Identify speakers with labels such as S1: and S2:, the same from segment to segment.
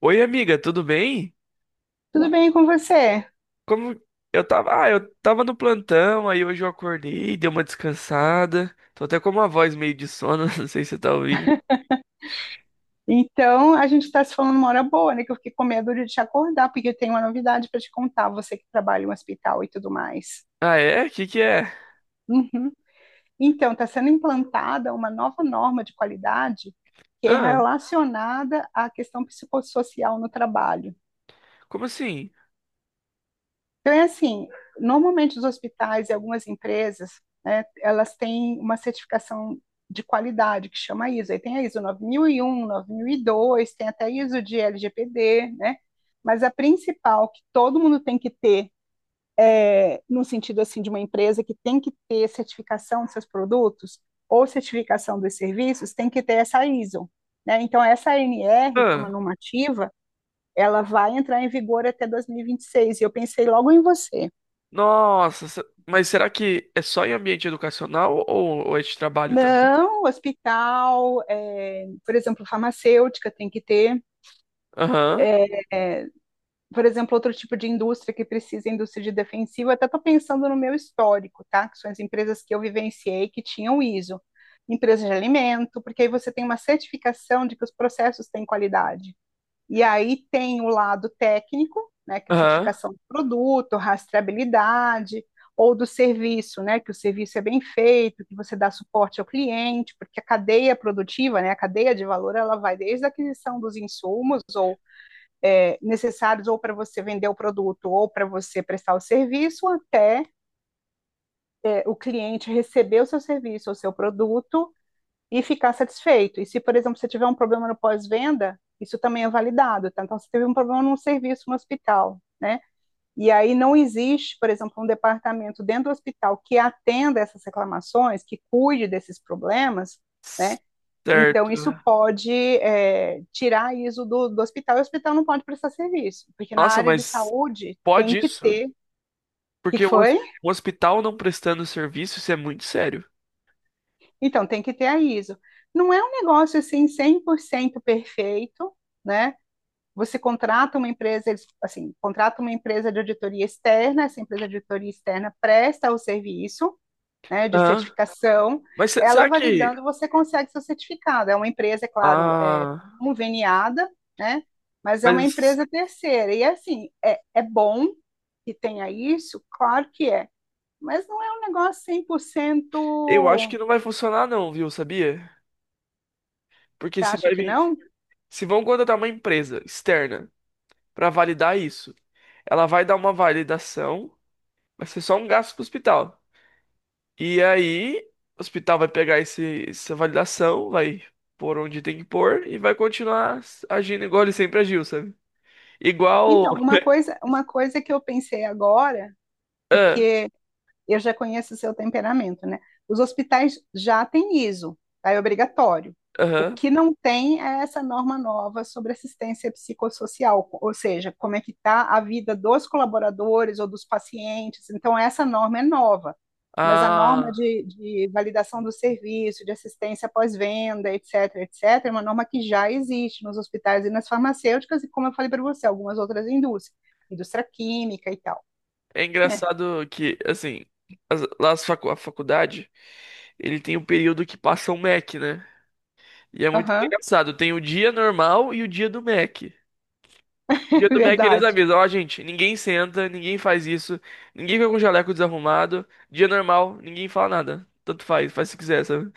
S1: Oi, amiga, tudo bem?
S2: Tudo bem com você?
S1: Como eu tava, eu tava no plantão, aí hoje eu acordei, dei uma descansada. Tô até com uma voz meio de sono, não sei se você tá ouvindo.
S2: Então, a gente está se falando uma hora boa, né? Que eu fiquei com medo de te acordar, porque eu tenho uma novidade para te contar, você que trabalha em um hospital e tudo mais.
S1: Ah, é? Que é?
S2: Uhum. Então, está sendo implantada uma nova norma de qualidade que é
S1: Ah,
S2: relacionada à questão psicossocial no trabalho.
S1: como assim?
S2: Então, é assim, normalmente os hospitais e algumas empresas, né, elas têm uma certificação de qualidade que chama ISO. Aí tem a ISO nove mil e um, 9002, tem até a ISO de LGPD, né? Mas a principal que todo mundo tem que ter, no sentido assim de uma empresa que tem que ter certificação dos seus produtos ou certificação dos serviços, tem que ter essa ISO. Né? Então, essa ANR, que é uma
S1: Ah,
S2: normativa, ela vai entrar em vigor até dois mil e vinte e seis. E eu pensei logo em você.
S1: Nossa, mas será que é só em ambiente educacional ou é de trabalho também?
S2: Não, hospital, por exemplo, farmacêutica tem que ter,
S1: Aham,
S2: é, por exemplo, outro tipo de indústria que precisa, indústria de defensivo, eu até estou pensando no meu histórico, tá? Que são as empresas que eu vivenciei que tinham ISO, empresas de alimento, porque aí você tem uma certificação de que os processos têm qualidade. E aí tem o lado técnico, né, que é a
S1: aham.
S2: certificação do produto, rastreabilidade, ou do serviço, né, que o serviço é bem feito, que você dá suporte ao cliente, porque a cadeia produtiva, né, a cadeia de valor, ela vai desde a aquisição dos insumos ou necessários ou para você vender o produto ou para você prestar o serviço, até o cliente receber o seu serviço ou seu produto e ficar satisfeito. E se, por exemplo, você tiver um problema no pós-venda, isso também é validado, tá? Então, você teve um problema num serviço no hospital, né? E aí não existe, por exemplo, um departamento dentro do hospital que atenda essas reclamações, que cuide desses problemas, né? Então,
S1: Certo.
S2: isso pode tirar isso do hospital e o hospital não pode prestar serviço, porque na
S1: Nossa,
S2: área de
S1: mas
S2: saúde tem
S1: pode
S2: que
S1: isso?
S2: ter. O que
S1: Porque
S2: foi?
S1: um hospital não prestando serviço, isso é muito sério.
S2: Então, tem que ter a ISO. Não é um negócio assim 100% perfeito, né? Você contrata uma empresa, eles, assim, contrata uma empresa de auditoria externa, essa empresa de auditoria externa presta o serviço, né, de
S1: Aham.
S2: certificação,
S1: Mas se-
S2: ela
S1: será que
S2: validando, você consegue seu certificado. É uma empresa, é claro,
S1: ah,
S2: conveniada, né, mas é uma
S1: mas
S2: empresa terceira. E, assim, é bom que tenha isso? Claro que é. Mas não é um negócio
S1: eu
S2: 100%.
S1: acho que não vai funcionar não, viu, sabia? Porque
S2: Você
S1: se
S2: acha
S1: vai
S2: que
S1: vir,
S2: não?
S1: se vão contratar uma empresa externa pra validar isso, ela vai dar uma validação, vai ser só um gasto pro hospital. E aí, o hospital vai pegar essa validação, vai pôr onde tem que pôr e vai continuar agindo igual ele sempre agiu, sabe? Igual,
S2: Então, uma coisa que eu pensei agora,
S1: ah,
S2: porque eu já conheço o seu temperamento, né? Os hospitais já têm ISO, tá? É obrigatório. O
S1: aham.
S2: que não tem é essa norma nova sobre assistência psicossocial, ou seja, como é que está a vida dos colaboradores ou dos pacientes. Então, essa norma é nova, mas a norma
S1: Ah,
S2: de validação do serviço, de assistência pós-venda, etc., etc., é uma norma que já existe nos hospitais e nas farmacêuticas, e como eu falei para você, algumas outras indústrias, indústria química e tal.
S1: é
S2: Né?
S1: engraçado que, assim, a faculdade, ele tem o período que passa o Mac, né? E é muito
S2: Uhum.
S1: engraçado. Tem o dia normal e o dia do Mac. Dia do Mac eles
S2: Verdade.
S1: avisam, ó, gente, ninguém senta, ninguém faz isso, ninguém fica com o jaleco desarrumado. Dia normal, ninguém fala nada. Tanto faz, faz se quiser, sabe?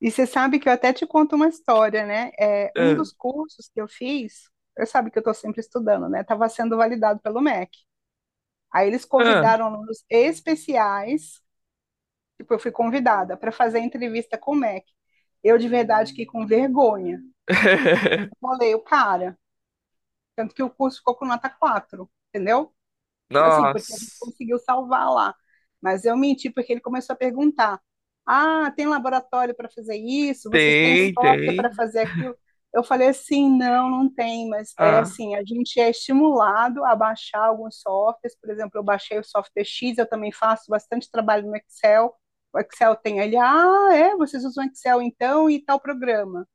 S2: E você sabe que eu até te conto uma história, né? Um
S1: Ah,
S2: dos cursos que eu fiz, eu sabe que eu estou sempre estudando, né? Estava sendo validado pelo MEC. Aí eles
S1: ah.
S2: convidaram alunos especiais, tipo, eu fui convidada para fazer entrevista com o MEC. Eu, de verdade, que com vergonha. Bolei o cara. Tanto que o curso ficou com nota 4, entendeu? Assim, porque a gente
S1: Nossa.
S2: conseguiu salvar lá. Mas eu menti, porque ele começou a perguntar: Ah, tem laboratório para fazer isso? Vocês têm
S1: Tem,
S2: software para
S1: tem.
S2: fazer aquilo? Eu falei assim: Não, não tem, mas é
S1: Ah,
S2: assim: a gente é estimulado a baixar alguns softwares. Por exemplo, eu baixei o software X, eu também faço bastante trabalho no Excel. O Excel tem ali: Ah, é, vocês usam Excel então e tal programa.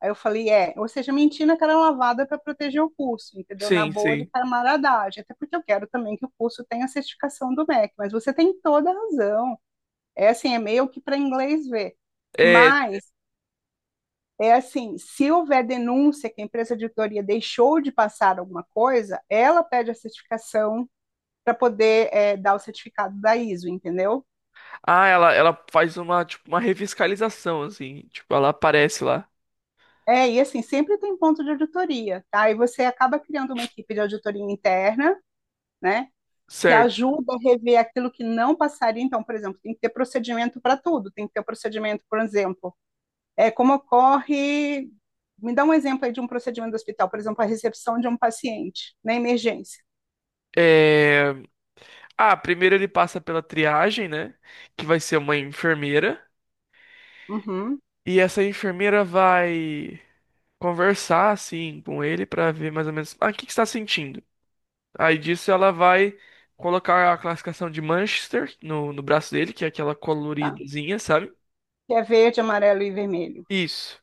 S2: Aí eu falei, é, ou seja, mentir na cara lavada para proteger o curso, entendeu? Na
S1: sim,
S2: boa de
S1: sim.
S2: camaradagem, até porque eu quero também que o curso tenha a certificação do MEC, mas você tem toda a razão. É assim, é meio que para inglês ver.
S1: É,
S2: Mas é assim, se houver denúncia que a empresa de auditoria deixou de passar alguma coisa, ela pede a certificação para poder dar o certificado da ISO, entendeu?
S1: ah, ela, faz uma, tipo, uma revitalização, assim. Tipo, ela aparece lá.
S2: É, e assim, sempre tem ponto de auditoria, tá? E você acaba criando uma equipe de auditoria interna, né? Que
S1: Certo.
S2: ajuda a rever aquilo que não passaria. Então, por exemplo, tem que ter procedimento para tudo, tem que ter o procedimento, por exemplo, é como ocorre. Me dá um exemplo aí de um procedimento do hospital, por exemplo, a recepção de um paciente na emergência.
S1: É... Ah, primeiro ele passa pela triagem, né? Que vai ser uma enfermeira.
S2: Uhum.
S1: E essa enfermeira vai conversar, assim, com ele pra ver mais ou menos... Ah, o que que você tá sentindo? Aí disso ela vai colocar a classificação de Manchester no braço dele, que é aquela
S2: Tá.
S1: coloridazinha, sabe?
S2: Que é verde, amarelo e vermelho.
S1: Isso.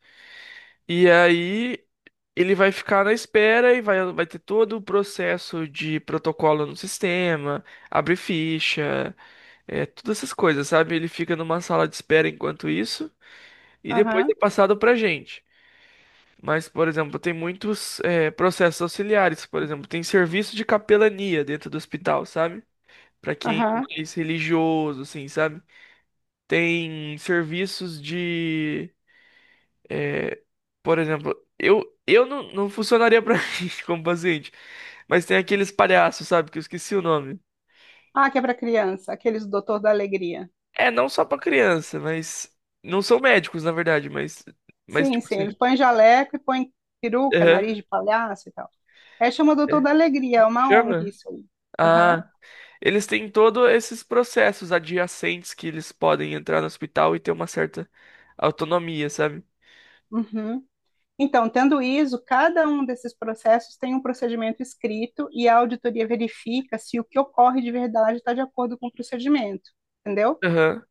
S1: E aí ele vai ficar na espera e vai ter todo o processo de protocolo no sistema, abre ficha, é, todas essas coisas, sabe? Ele fica numa sala de espera enquanto isso e depois
S2: Aham,
S1: é passado pra gente. Mas, por exemplo, tem muitos, é, processos auxiliares, por exemplo, tem serviço de capelania dentro do hospital, sabe? Pra quem é
S2: aham.
S1: mais religioso, assim, sabe? Tem serviços de por exemplo, eu não funcionaria pra mim como paciente. Mas tem aqueles palhaços, sabe? Que eu esqueci o nome.
S2: Ah, que é para criança, aqueles do Doutor da Alegria.
S1: É, não só pra criança, mas. Não são médicos, na verdade, mas. Mas,
S2: Sim,
S1: tipo
S2: sim,
S1: assim.
S2: eles põem jaleco e põem peruca,
S1: Aham,
S2: nariz de palhaço e tal. É chama Doutor
S1: é.
S2: da Alegria, é uma ONG
S1: Chama?
S2: isso aí. Aham,
S1: Ah. Eles têm todos esses processos adjacentes que eles podem entrar no hospital e ter uma certa autonomia, sabe?
S2: uhum. Então, tendo ISO, cada um desses processos tem um procedimento escrito e a auditoria verifica se o que ocorre de verdade está de acordo com o procedimento, entendeu?
S1: Aham.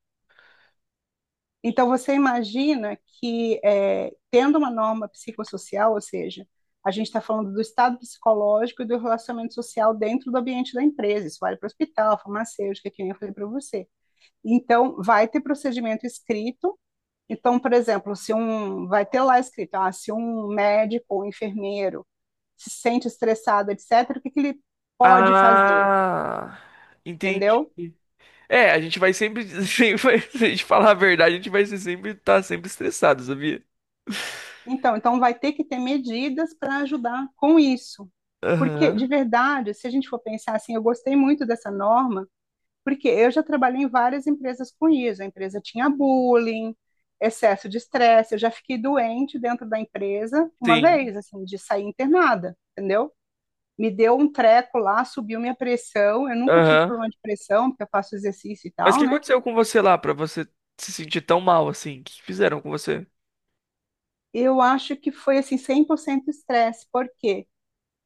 S2: Então, você imagina que, tendo uma norma psicossocial, ou seja, a gente está falando do estado psicológico e do relacionamento social dentro do ambiente da empresa, isso vale para o hospital, farmacêutica, que nem eu falei para você. Então, vai ter procedimento escrito. Então, por exemplo, se um vai ter lá escrito, ah, se um médico ou enfermeiro se sente estressado, etc., o que, que ele pode fazer,
S1: Ah. Entendi.
S2: entendeu?
S1: É, a gente vai sempre, sempre vai- se a gente falar a verdade, a gente vai ser sempre estar sempre estressado, sabia?
S2: Então, vai ter que ter medidas para ajudar com isso. Porque, de
S1: Aham.
S2: verdade, se a gente for pensar assim, eu gostei muito dessa norma, porque eu já trabalhei em várias empresas com isso. A empresa tinha bullying, excesso de estresse. Eu já fiquei doente dentro da empresa uma
S1: Sim.
S2: vez, assim, de sair internada, entendeu? Me deu um treco lá, subiu minha pressão. Eu nunca tive
S1: Aham.
S2: problema de pressão, porque eu faço exercício e
S1: Mas o
S2: tal,
S1: que
S2: né?
S1: aconteceu com você lá pra você se sentir tão mal assim? O que fizeram com você?
S2: Eu acho que foi assim 100% estresse, porque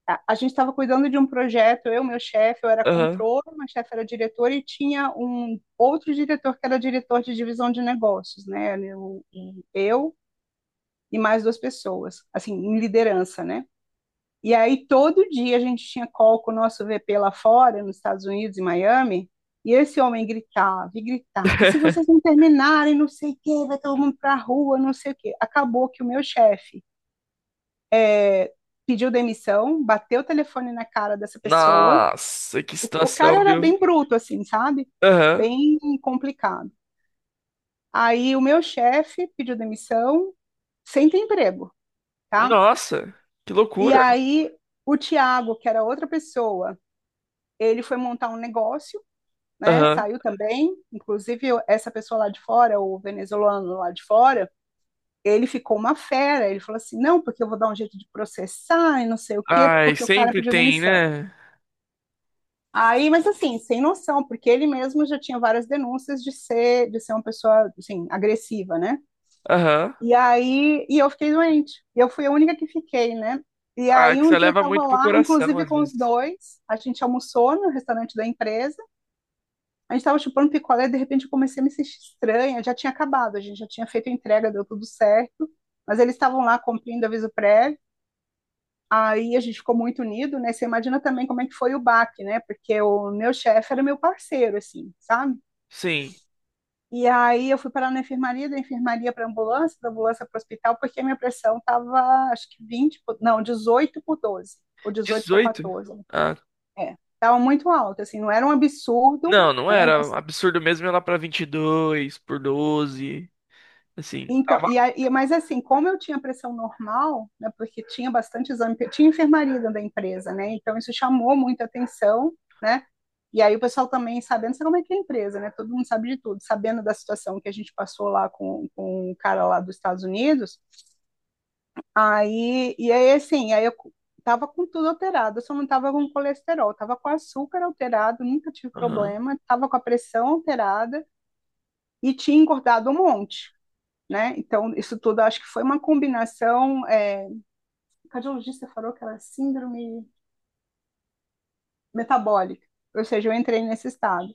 S2: a gente estava cuidando de um projeto, eu, meu chefe, eu era
S1: Aham.
S2: controller, meu chefe era diretor e tinha um outro diretor que era diretor de divisão de negócios, né? Eu e mais duas pessoas, assim, em liderança, né? E aí todo dia a gente tinha call com o nosso VP lá fora, nos Estados Unidos, em Miami, e esse homem gritava e gritava: se vocês não terminarem, não sei o quê, vai todo mundo para a rua, não sei o quê. Acabou que o meu chefe é, pediu demissão, bateu o telefone na cara dessa pessoa.
S1: Nossa, que
S2: O cara
S1: situação,
S2: era
S1: viu?
S2: bem bruto, assim, sabe?
S1: Aham.
S2: Bem complicado. Aí o meu chefe pediu demissão, sem ter emprego, tá?
S1: Nossa, que
S2: E
S1: loucura.
S2: aí o Tiago, que era outra pessoa, ele foi montar um negócio, né?
S1: Aham.
S2: Saiu também, essa pessoa lá de fora, o venezuelano lá de fora, ele ficou uma fera. Ele falou assim: não, porque eu vou dar um jeito de processar e não sei o quê,
S1: Ai,
S2: porque o cara
S1: sempre
S2: pediu
S1: tem,
S2: demissão.
S1: né?
S2: Aí, mas assim, sem noção, porque ele mesmo já tinha várias denúncias de ser uma pessoa, assim, agressiva, né?
S1: Aham.
S2: E aí, e eu fiquei doente. E eu fui a única que fiquei, né? E
S1: Ah,
S2: aí
S1: que
S2: um
S1: você
S2: dia eu
S1: leva
S2: tava
S1: muito pro
S2: lá,
S1: coração
S2: inclusive
S1: às
S2: com os
S1: vezes.
S2: dois, a gente almoçou no restaurante da empresa, a gente tava chupando picolé, de repente eu comecei a me sentir estranha, já tinha acabado, a gente já tinha feito a entrega, deu tudo certo, mas eles estavam lá cumprindo aviso prévio. Aí a gente ficou muito unido, né? Você imagina também como é que foi o baque, né? Porque o meu chefe era meu parceiro, assim, sabe?
S1: Sim.
S2: E aí eu fui parar na enfermaria, da enfermaria para ambulância, da ambulância para o hospital, porque a minha pressão estava, acho que não, 18 por 12 ou dezoito por
S1: 18.
S2: quatorze
S1: Ah,
S2: É, estava muito alta, assim, não era um absurdo,
S1: não, não
S2: né?
S1: era.
S2: Mas
S1: Absurdo mesmo ia lá pra 22 por 12, assim,
S2: então,
S1: tava.
S2: mas assim, como eu tinha pressão normal, né, porque tinha bastante exame, porque tinha enfermaria dentro da empresa, né? Então isso chamou muita atenção, né? E aí o pessoal também sabendo, sabe como é que é a empresa, né? Todo mundo sabe de tudo, sabendo da situação que a gente passou lá com o cara lá dos Estados Unidos. Aí, eu tava com tudo alterado, eu só não tava com colesterol, tava com açúcar alterado, nunca tive
S1: Aham.
S2: problema, tava com a pressão alterada e tinha engordado um monte, né? Então, isso tudo acho que foi uma combinação. É, o cardiologista falou que era síndrome metabólica, ou seja, eu entrei nesse estado.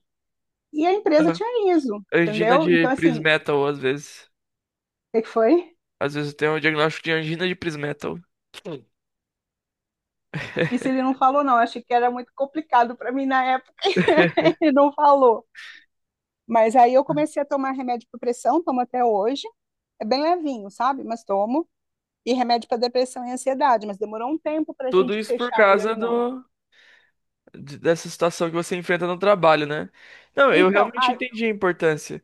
S2: E a empresa tinha ISO,
S1: É, Angina
S2: entendeu?
S1: de
S2: Então, assim,
S1: Prismetal, às vezes.
S2: o que foi?
S1: Às vezes tem um diagnóstico de angina de Prismetal. Sim.
S2: Isso ele não falou, não. Eu achei que era muito complicado para mim na época, ele não falou. Mas aí eu comecei a tomar remédio para pressão, tomo até hoje. É bem levinho, sabe? Mas tomo. E remédio para depressão e ansiedade, mas demorou um tempo para a
S1: Tudo
S2: gente
S1: isso por
S2: fechar o
S1: causa
S2: diagnóstico.
S1: do, dessa situação que você enfrenta no trabalho, né? Não, eu
S2: Então,
S1: realmente entendi a importância.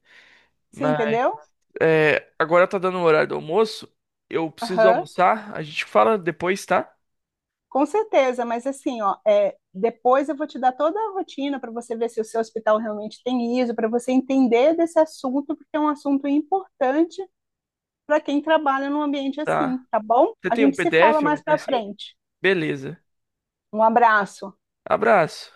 S2: você
S1: Mas
S2: entendeu?
S1: é, agora tá dando o horário do almoço. Eu preciso
S2: Aham. Uhum.
S1: almoçar. A gente fala depois, tá?
S2: Com certeza, mas assim, ó, depois eu vou te dar toda a rotina para você ver se o seu hospital realmente tem ISO, para você entender desse assunto, porque é um assunto importante para quem trabalha num ambiente assim,
S1: Tá.
S2: tá bom?
S1: Você
S2: A
S1: tem um
S2: gente se fala
S1: PDF,
S2: mais
S1: alguma
S2: para
S1: coisa assim?
S2: frente.
S1: Beleza.
S2: Um abraço.
S1: Abraço.